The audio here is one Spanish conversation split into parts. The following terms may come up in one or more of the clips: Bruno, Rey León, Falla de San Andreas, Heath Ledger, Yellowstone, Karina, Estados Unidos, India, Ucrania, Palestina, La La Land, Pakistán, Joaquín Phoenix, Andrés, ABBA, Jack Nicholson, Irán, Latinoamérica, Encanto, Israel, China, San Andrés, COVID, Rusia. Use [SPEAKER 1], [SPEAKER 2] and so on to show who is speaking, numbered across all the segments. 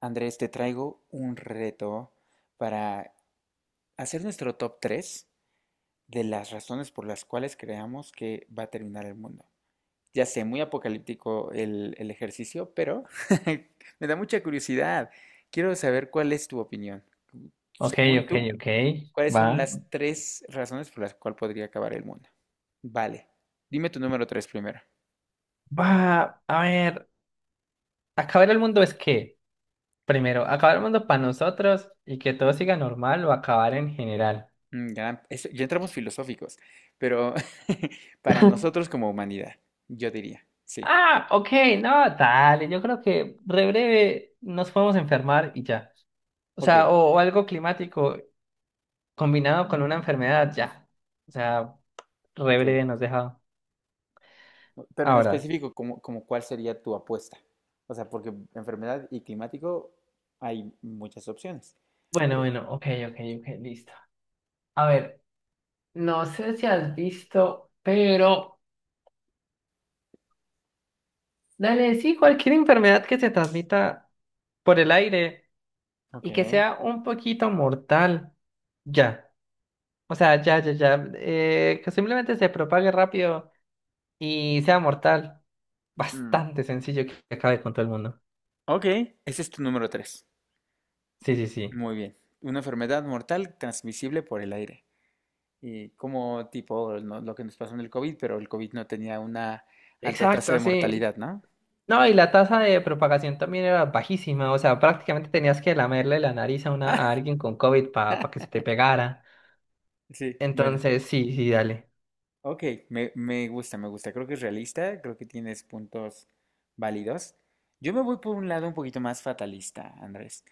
[SPEAKER 1] Andrés, te traigo un reto para hacer nuestro top 3 de las razones por las cuales creamos que va a terminar el mundo. Ya sé, muy apocalíptico el ejercicio, pero me da mucha curiosidad. Quiero saber cuál es tu opinión.
[SPEAKER 2] Ok,
[SPEAKER 1] Según
[SPEAKER 2] ok,
[SPEAKER 1] tú,
[SPEAKER 2] ok.
[SPEAKER 1] ¿cuáles son
[SPEAKER 2] Va.
[SPEAKER 1] las tres razones por las cuales podría acabar el mundo? Vale, dime tu número 3 primero.
[SPEAKER 2] Va. A ver, ¿acabar el mundo es qué? Primero, ¿acabar el mundo para nosotros y que todo siga normal o acabar en general?
[SPEAKER 1] Ya, ya entramos filosóficos, pero para nosotros como humanidad, yo diría, sí.
[SPEAKER 2] Ah, ok, no, dale. Yo creo que re breve nos podemos enfermar y ya. O
[SPEAKER 1] Ok,
[SPEAKER 2] sea, o algo climático combinado con una enfermedad, ya. O sea, re
[SPEAKER 1] ok.
[SPEAKER 2] breve nos deja.
[SPEAKER 1] Pero en
[SPEAKER 2] Ahora.
[SPEAKER 1] específico, ¿ como cuál sería tu apuesta? O sea, porque enfermedad y climático hay muchas opciones.
[SPEAKER 2] Bueno,
[SPEAKER 1] Pero,
[SPEAKER 2] bueno, ok, ok, ok, listo. A ver, no sé si has visto, pero. Dale, sí, cualquier enfermedad que se transmita por el aire y que
[SPEAKER 1] ok.
[SPEAKER 2] sea un poquito mortal, ya. O sea, ya, ya, ya. Que simplemente se propague rápido y sea mortal.
[SPEAKER 1] mm,
[SPEAKER 2] Bastante sencillo que acabe con todo el mundo.
[SPEAKER 1] Ok, ese es tu número 3.
[SPEAKER 2] Sí, sí, sí.
[SPEAKER 1] Muy bien. Una enfermedad mortal transmisible por el aire. Y como tipo lo que nos pasó en el COVID, pero el COVID no tenía una alta tasa
[SPEAKER 2] Exacto,
[SPEAKER 1] de
[SPEAKER 2] sí.
[SPEAKER 1] mortalidad, ¿no?
[SPEAKER 2] No, y la tasa de propagación también era bajísima. O sea, prácticamente tenías que lamerle la nariz a alguien con COVID para que se te pegara.
[SPEAKER 1] Sí, bueno.
[SPEAKER 2] Entonces, sí, sí, dale.
[SPEAKER 1] Ok, me gusta, me gusta. Creo que es realista, creo que tienes puntos válidos. Yo me voy por un lado un poquito más fatalista, Andrés.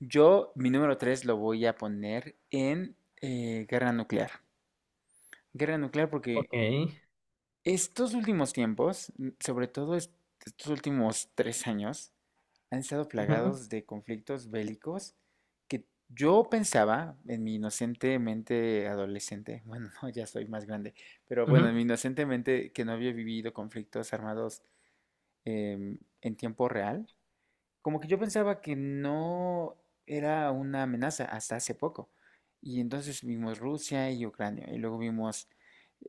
[SPEAKER 1] Yo, mi número 3 lo voy a poner en guerra nuclear. Guerra nuclear porque
[SPEAKER 2] Ok.
[SPEAKER 1] estos últimos tiempos, sobre todo estos últimos tres años, han estado
[SPEAKER 2] Ujú,
[SPEAKER 1] plagados de conflictos bélicos que yo pensaba en mi inocente mente adolescente, bueno, no, ya soy más grande, pero bueno, en mi
[SPEAKER 2] ujú,
[SPEAKER 1] inocente mente que no había vivido conflictos armados en tiempo real, como que yo pensaba que no era una amenaza hasta hace poco. Y entonces vimos Rusia y Ucrania, y luego vimos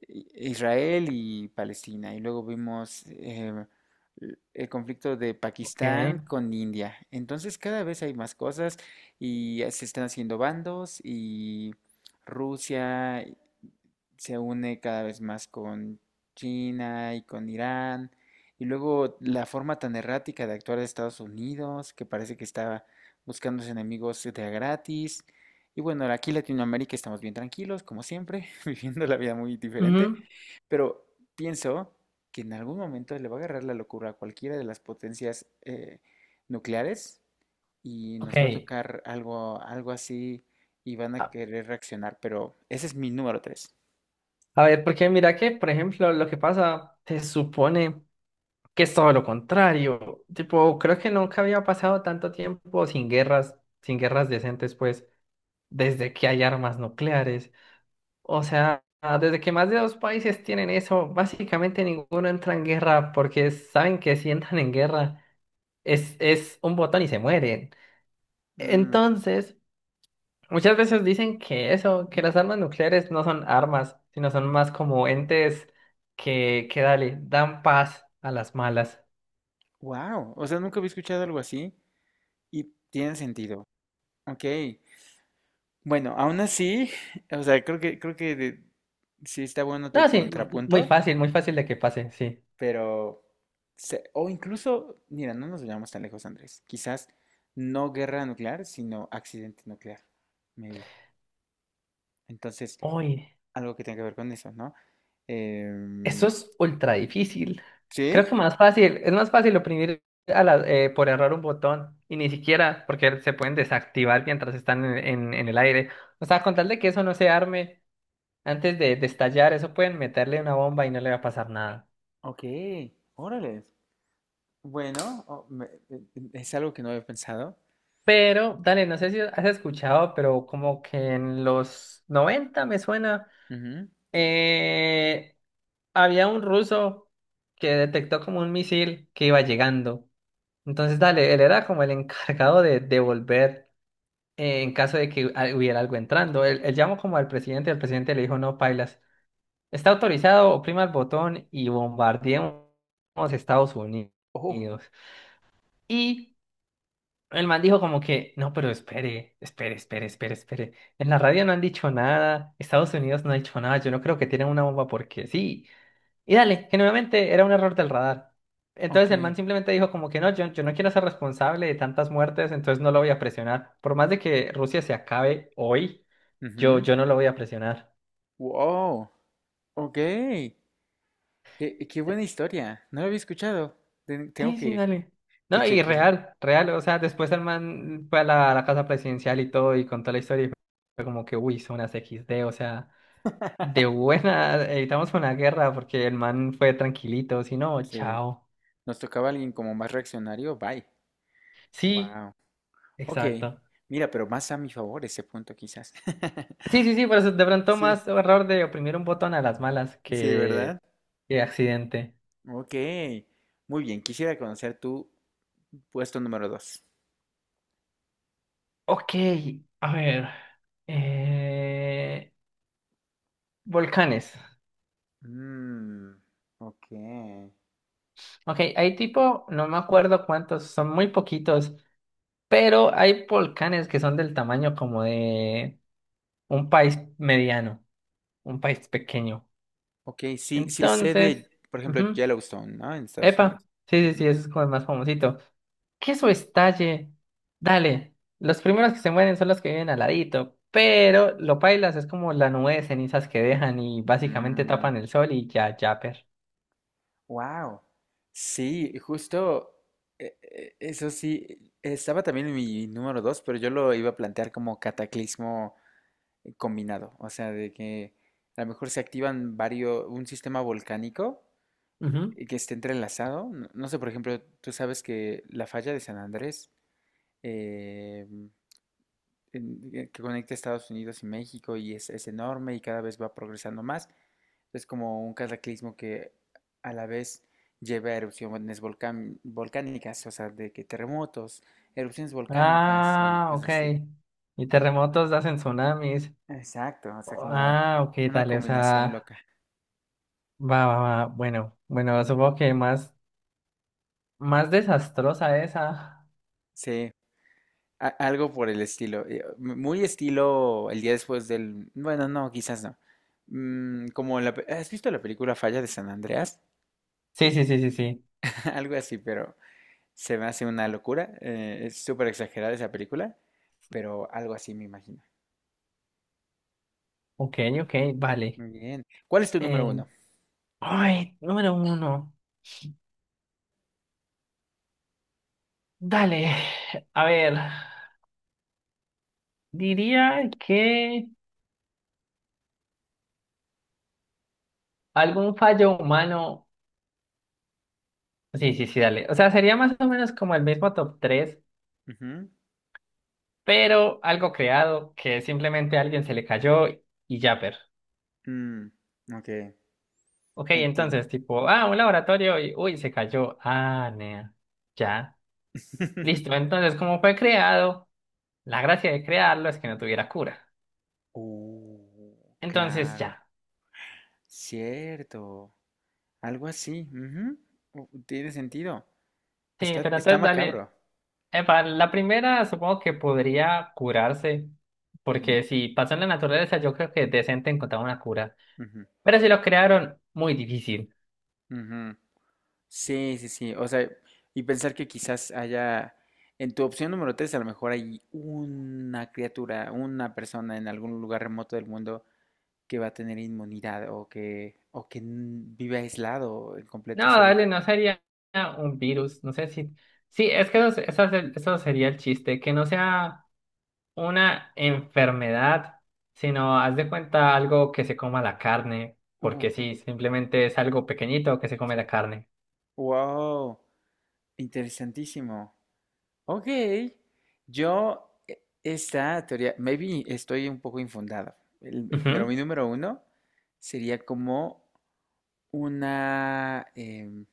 [SPEAKER 1] Israel y Palestina, y luego vimos el conflicto de
[SPEAKER 2] ok.
[SPEAKER 1] Pakistán con India. Entonces cada vez hay más cosas y ya se están haciendo bandos y Rusia se une cada vez más con China y con Irán. Y luego la forma tan errática de actuar de Estados Unidos, que parece que estaba buscando sus enemigos de a gratis. Y bueno, aquí en Latinoamérica estamos bien tranquilos, como siempre, viviendo la vida muy diferente,
[SPEAKER 2] Ujú.
[SPEAKER 1] pero pienso que en algún momento le va a agarrar la locura a cualquiera de las potencias nucleares y
[SPEAKER 2] Ok,
[SPEAKER 1] nos va a tocar algo así y van a querer reaccionar, pero ese es mi número 3.
[SPEAKER 2] a ver, porque mira que, por ejemplo, lo que pasa, se supone que es todo lo contrario. Tipo, creo que nunca había pasado tanto tiempo sin guerras, sin guerras decentes, pues, desde que hay armas nucleares. O sea, desde que más de dos países tienen eso, básicamente ninguno entra en guerra porque saben que si entran en guerra es un botón y se mueren. Entonces… muchas veces dicen que eso, que las armas nucleares no son armas, sino son más como entes que dale, dan paz a las malas.
[SPEAKER 1] Wow, o sea, nunca había escuchado algo así y tiene sentido. Ok, bueno, aún así, o sea, creo que sí está bueno tu
[SPEAKER 2] No, sí,
[SPEAKER 1] contrapunto,
[SPEAKER 2] muy fácil de que pase, sí.
[SPEAKER 1] pero, o incluso, mira, no nos vayamos tan lejos, Andrés. Quizás no guerra nuclear, sino accidente nuclear, maybe. Entonces,
[SPEAKER 2] Uy,
[SPEAKER 1] algo que tenga que ver con eso, ¿no?
[SPEAKER 2] eso
[SPEAKER 1] Em,
[SPEAKER 2] es ultra difícil.
[SPEAKER 1] ¿Sí?
[SPEAKER 2] Creo que más fácil, es más fácil oprimir por error un botón, y ni siquiera porque se pueden desactivar mientras están en el aire. O sea, con tal de que eso no se arme antes de estallar, eso pueden meterle una bomba y no le va a pasar nada.
[SPEAKER 1] Ok, órale. Bueno, es algo que no había pensado.
[SPEAKER 2] Pero, dale, no sé si has escuchado, pero como que en los 90 me suena,
[SPEAKER 1] Ujú.
[SPEAKER 2] eh, había un ruso que detectó como un misil que iba llegando. Entonces, dale, él era como el encargado de devolver en caso de que hubiera algo entrando. Él llamó como al presidente, el presidente le dijo, no, pailas, está autorizado, oprima el botón y bombardeemos Estados Unidos.
[SPEAKER 1] Oh,
[SPEAKER 2] Y el man dijo como que, no, pero espere, espere, espere, espere, espere. En la radio no han dicho nada, Estados Unidos no ha dicho nada, yo no creo que tienen una bomba porque sí. Y dale, que nuevamente era un error del radar. Entonces
[SPEAKER 1] ok.
[SPEAKER 2] el man simplemente dijo como que no, yo no quiero ser responsable de tantas muertes, entonces no lo voy a presionar. Por más de que Rusia se acabe hoy, yo,
[SPEAKER 1] Ujú.
[SPEAKER 2] yo no lo voy a presionar.
[SPEAKER 1] Wow, ok. Qué buena historia. No la había escuchado. Tengo
[SPEAKER 2] Sí, sí, dale.
[SPEAKER 1] que
[SPEAKER 2] No, y
[SPEAKER 1] checarla.
[SPEAKER 2] real, real, o sea, después el man fue a la casa presidencial y todo y contó la historia y fue como que, uy, son unas equis de, o sea… de buena, evitamos una guerra porque el man fue tranquilito, si no,
[SPEAKER 1] Sí.
[SPEAKER 2] chao.
[SPEAKER 1] Nos tocaba alguien como más reaccionario. Bye.
[SPEAKER 2] Sí,
[SPEAKER 1] Wow. Ok.
[SPEAKER 2] exacto.
[SPEAKER 1] Mira, pero más a mi favor ese punto quizás.
[SPEAKER 2] Sí, sí, sí, pero es de pronto
[SPEAKER 1] Sí,
[SPEAKER 2] más error de oprimir un botón a las malas
[SPEAKER 1] sí, ¿verdad?
[SPEAKER 2] que accidente.
[SPEAKER 1] Ok. Muy bien. Quisiera conocer tu puesto número dos.
[SPEAKER 2] Ok, a ver. eh, Volcanes.
[SPEAKER 1] Mm, ok.
[SPEAKER 2] Ok, hay tipo, no me acuerdo cuántos, son muy poquitos, pero hay volcanes que son del tamaño como de un país mediano, un país pequeño.
[SPEAKER 1] Ok, sí, sí sé
[SPEAKER 2] Entonces…
[SPEAKER 1] de, por ejemplo,
[SPEAKER 2] ujú.
[SPEAKER 1] Yellowstone, ¿no? En Estados
[SPEAKER 2] Epa,
[SPEAKER 1] Unidos.
[SPEAKER 2] sí, sí,
[SPEAKER 1] Ujú.
[SPEAKER 2] sí, ese es como el más famosito. Queso estalle, dale. Los primeros que se mueren son los que viven al ladito, pero lo pailas es como la nube de cenizas que dejan y básicamente
[SPEAKER 1] Mm,
[SPEAKER 2] tapan el sol y ya, ya, per.
[SPEAKER 1] Wow. Sí, justo eso sí, estaba también en mi número dos, pero yo lo iba a plantear como cataclismo combinado, o sea, de que a lo mejor se activan varios, un sistema volcánico
[SPEAKER 2] Ujú.
[SPEAKER 1] que esté entrelazado. No, no sé, por ejemplo, tú sabes que la falla de San Andrés, eh, que conecta Estados Unidos y México y es enorme y cada vez va progresando más. Es como un cataclismo que a la vez lleva a erupciones volcánicas, o sea, de que terremotos, erupciones volcánicas y
[SPEAKER 2] Ah,
[SPEAKER 1] cosas
[SPEAKER 2] ok.
[SPEAKER 1] así.
[SPEAKER 2] Y
[SPEAKER 1] Eh,
[SPEAKER 2] terremotos hacen tsunamis.
[SPEAKER 1] exacto, o sea, como
[SPEAKER 2] Ah, ok,
[SPEAKER 1] una
[SPEAKER 2] dale, o
[SPEAKER 1] combinación
[SPEAKER 2] sea,
[SPEAKER 1] loca.
[SPEAKER 2] va, va, va. Bueno, bueno, supongo que más desastrosa esa.
[SPEAKER 1] Sí, algo por el estilo. Muy estilo el día después del... Bueno, no, quizás no. Mm, como la... ¿Has visto la película Falla de San Andreas?
[SPEAKER 2] Sí, sí, sí, sí, sí.
[SPEAKER 1] Algo así, pero... Se me hace una locura. Es súper exagerada esa película, pero algo así me imagino.
[SPEAKER 2] Ok, ok, vale.
[SPEAKER 1] Muy bien. ¿Cuál es tu número
[SPEAKER 2] Eh,
[SPEAKER 1] uno?
[SPEAKER 2] Ay, número uno. Dale, a ver, diría que algún fallo humano. Sí, sí, sí, dale. O sea, sería más o menos como el mismo top 3,
[SPEAKER 1] Ujú.
[SPEAKER 2] pero algo creado que simplemente a alguien se le cayó y ya, pero.
[SPEAKER 1] Mm, ok,
[SPEAKER 2] Ok,
[SPEAKER 1] entiendo.
[SPEAKER 2] entonces, tipo, ah, un laboratorio y uy, se cayó. Ah, nea. Ya. Listo, entonces, como fue creado, la gracia de crearlo es que no tuviera cura. Entonces,
[SPEAKER 1] Claro.
[SPEAKER 2] ya.
[SPEAKER 1] Cierto. Algo así. Ujú, tiene sentido.
[SPEAKER 2] Sí,
[SPEAKER 1] Está,
[SPEAKER 2] pero
[SPEAKER 1] está
[SPEAKER 2] entonces, dale.
[SPEAKER 1] macabro.
[SPEAKER 2] Epa, la primera supongo que podría curarse,
[SPEAKER 1] Ujú,
[SPEAKER 2] porque si pasó en la naturaleza, yo creo que es decente encontrar una cura.
[SPEAKER 1] ujú,
[SPEAKER 2] Pero si lo crearon, muy difícil.
[SPEAKER 1] ujú. Sí, sí, sí. O sea, y pensar que quizás haya, en tu opción número 3 a lo mejor hay una criatura, una persona en algún lugar remoto del mundo que va a tener inmunidad o o que vive aislado, en completa
[SPEAKER 2] No,
[SPEAKER 1] soledad.
[SPEAKER 2] dale, no sería un virus, no sé si… sí, es que eso eso sería el chiste, que no sea una enfermedad, sino haz de cuenta algo que se coma la carne,
[SPEAKER 1] Uh,
[SPEAKER 2] porque sí, simplemente es algo pequeñito que se come
[SPEAKER 1] sí.
[SPEAKER 2] la carne.
[SPEAKER 1] Wow, interesantísimo. Ok, yo, e- esta teoría, maybe estoy un poco infundado, pero
[SPEAKER 2] Ujú.
[SPEAKER 1] mi número uno sería como una...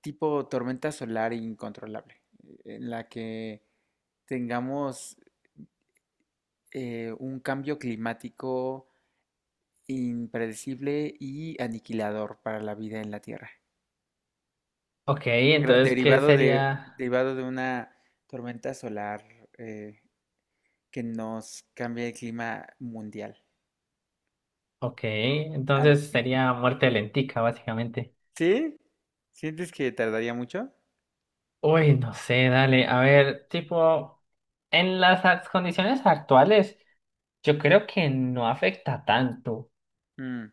[SPEAKER 1] tipo tormenta solar incontrolable, en la que tengamos un cambio climático impredecible y aniquilador para la vida en la Tierra,
[SPEAKER 2] Ok, entonces, ¿qué sería?
[SPEAKER 1] derivado de una tormenta solar eh, que nos cambia el clima mundial,
[SPEAKER 2] Ok,
[SPEAKER 1] algo
[SPEAKER 2] entonces
[SPEAKER 1] así.
[SPEAKER 2] sería muerte lentica, básicamente.
[SPEAKER 1] ¿Sí? ¿Sientes que tardaría mucho?
[SPEAKER 2] Uy, no sé, dale. A ver, tipo, en las condiciones actuales, yo creo que no afecta tanto.
[SPEAKER 1] Mm,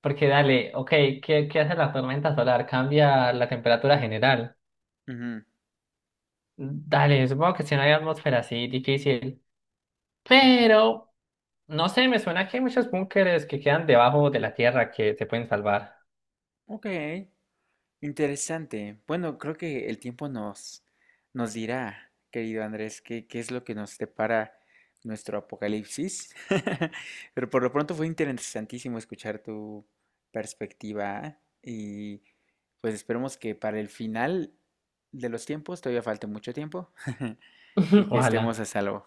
[SPEAKER 2] Porque dale, ok, ¿qué hace la tormenta solar? Cambia la temperatura general.
[SPEAKER 1] ujú.
[SPEAKER 2] Dale, supongo que si no hay atmósfera así, difícil.
[SPEAKER 1] Ok.
[SPEAKER 2] Pero, no sé, me suena que hay muchos búnkeres que quedan debajo de la tierra que se pueden salvar.
[SPEAKER 1] Ok, interesante. Bueno, creo que el tiempo nos dirá, querido Andrés, qué es lo que nos depara nuestro apocalipsis. Pero por lo pronto fue interesantísimo escuchar tu perspectiva y pues esperemos que para el final de los tiempos todavía falte mucho tiempo y que estemos
[SPEAKER 2] Ojalá.
[SPEAKER 1] a salvo.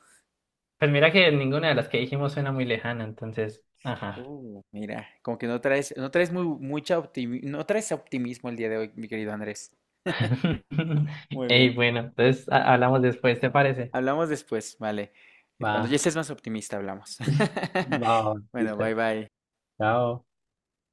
[SPEAKER 2] Pues mira que ninguna de las que dijimos suena muy lejana, entonces, ajá.
[SPEAKER 1] Mira, como que no traes, no traes optimismo el día de hoy, mi querido Andrés. Muy
[SPEAKER 2] Ey,
[SPEAKER 1] bien.
[SPEAKER 2] bueno, entonces hablamos después, ¿te parece?
[SPEAKER 1] Hablamos después, vale.
[SPEAKER 2] Va,
[SPEAKER 1] Cuando ya estés más optimista, hablamos.
[SPEAKER 2] va, va,
[SPEAKER 1] Bueno,
[SPEAKER 2] listo.
[SPEAKER 1] bye bye.
[SPEAKER 2] Chao.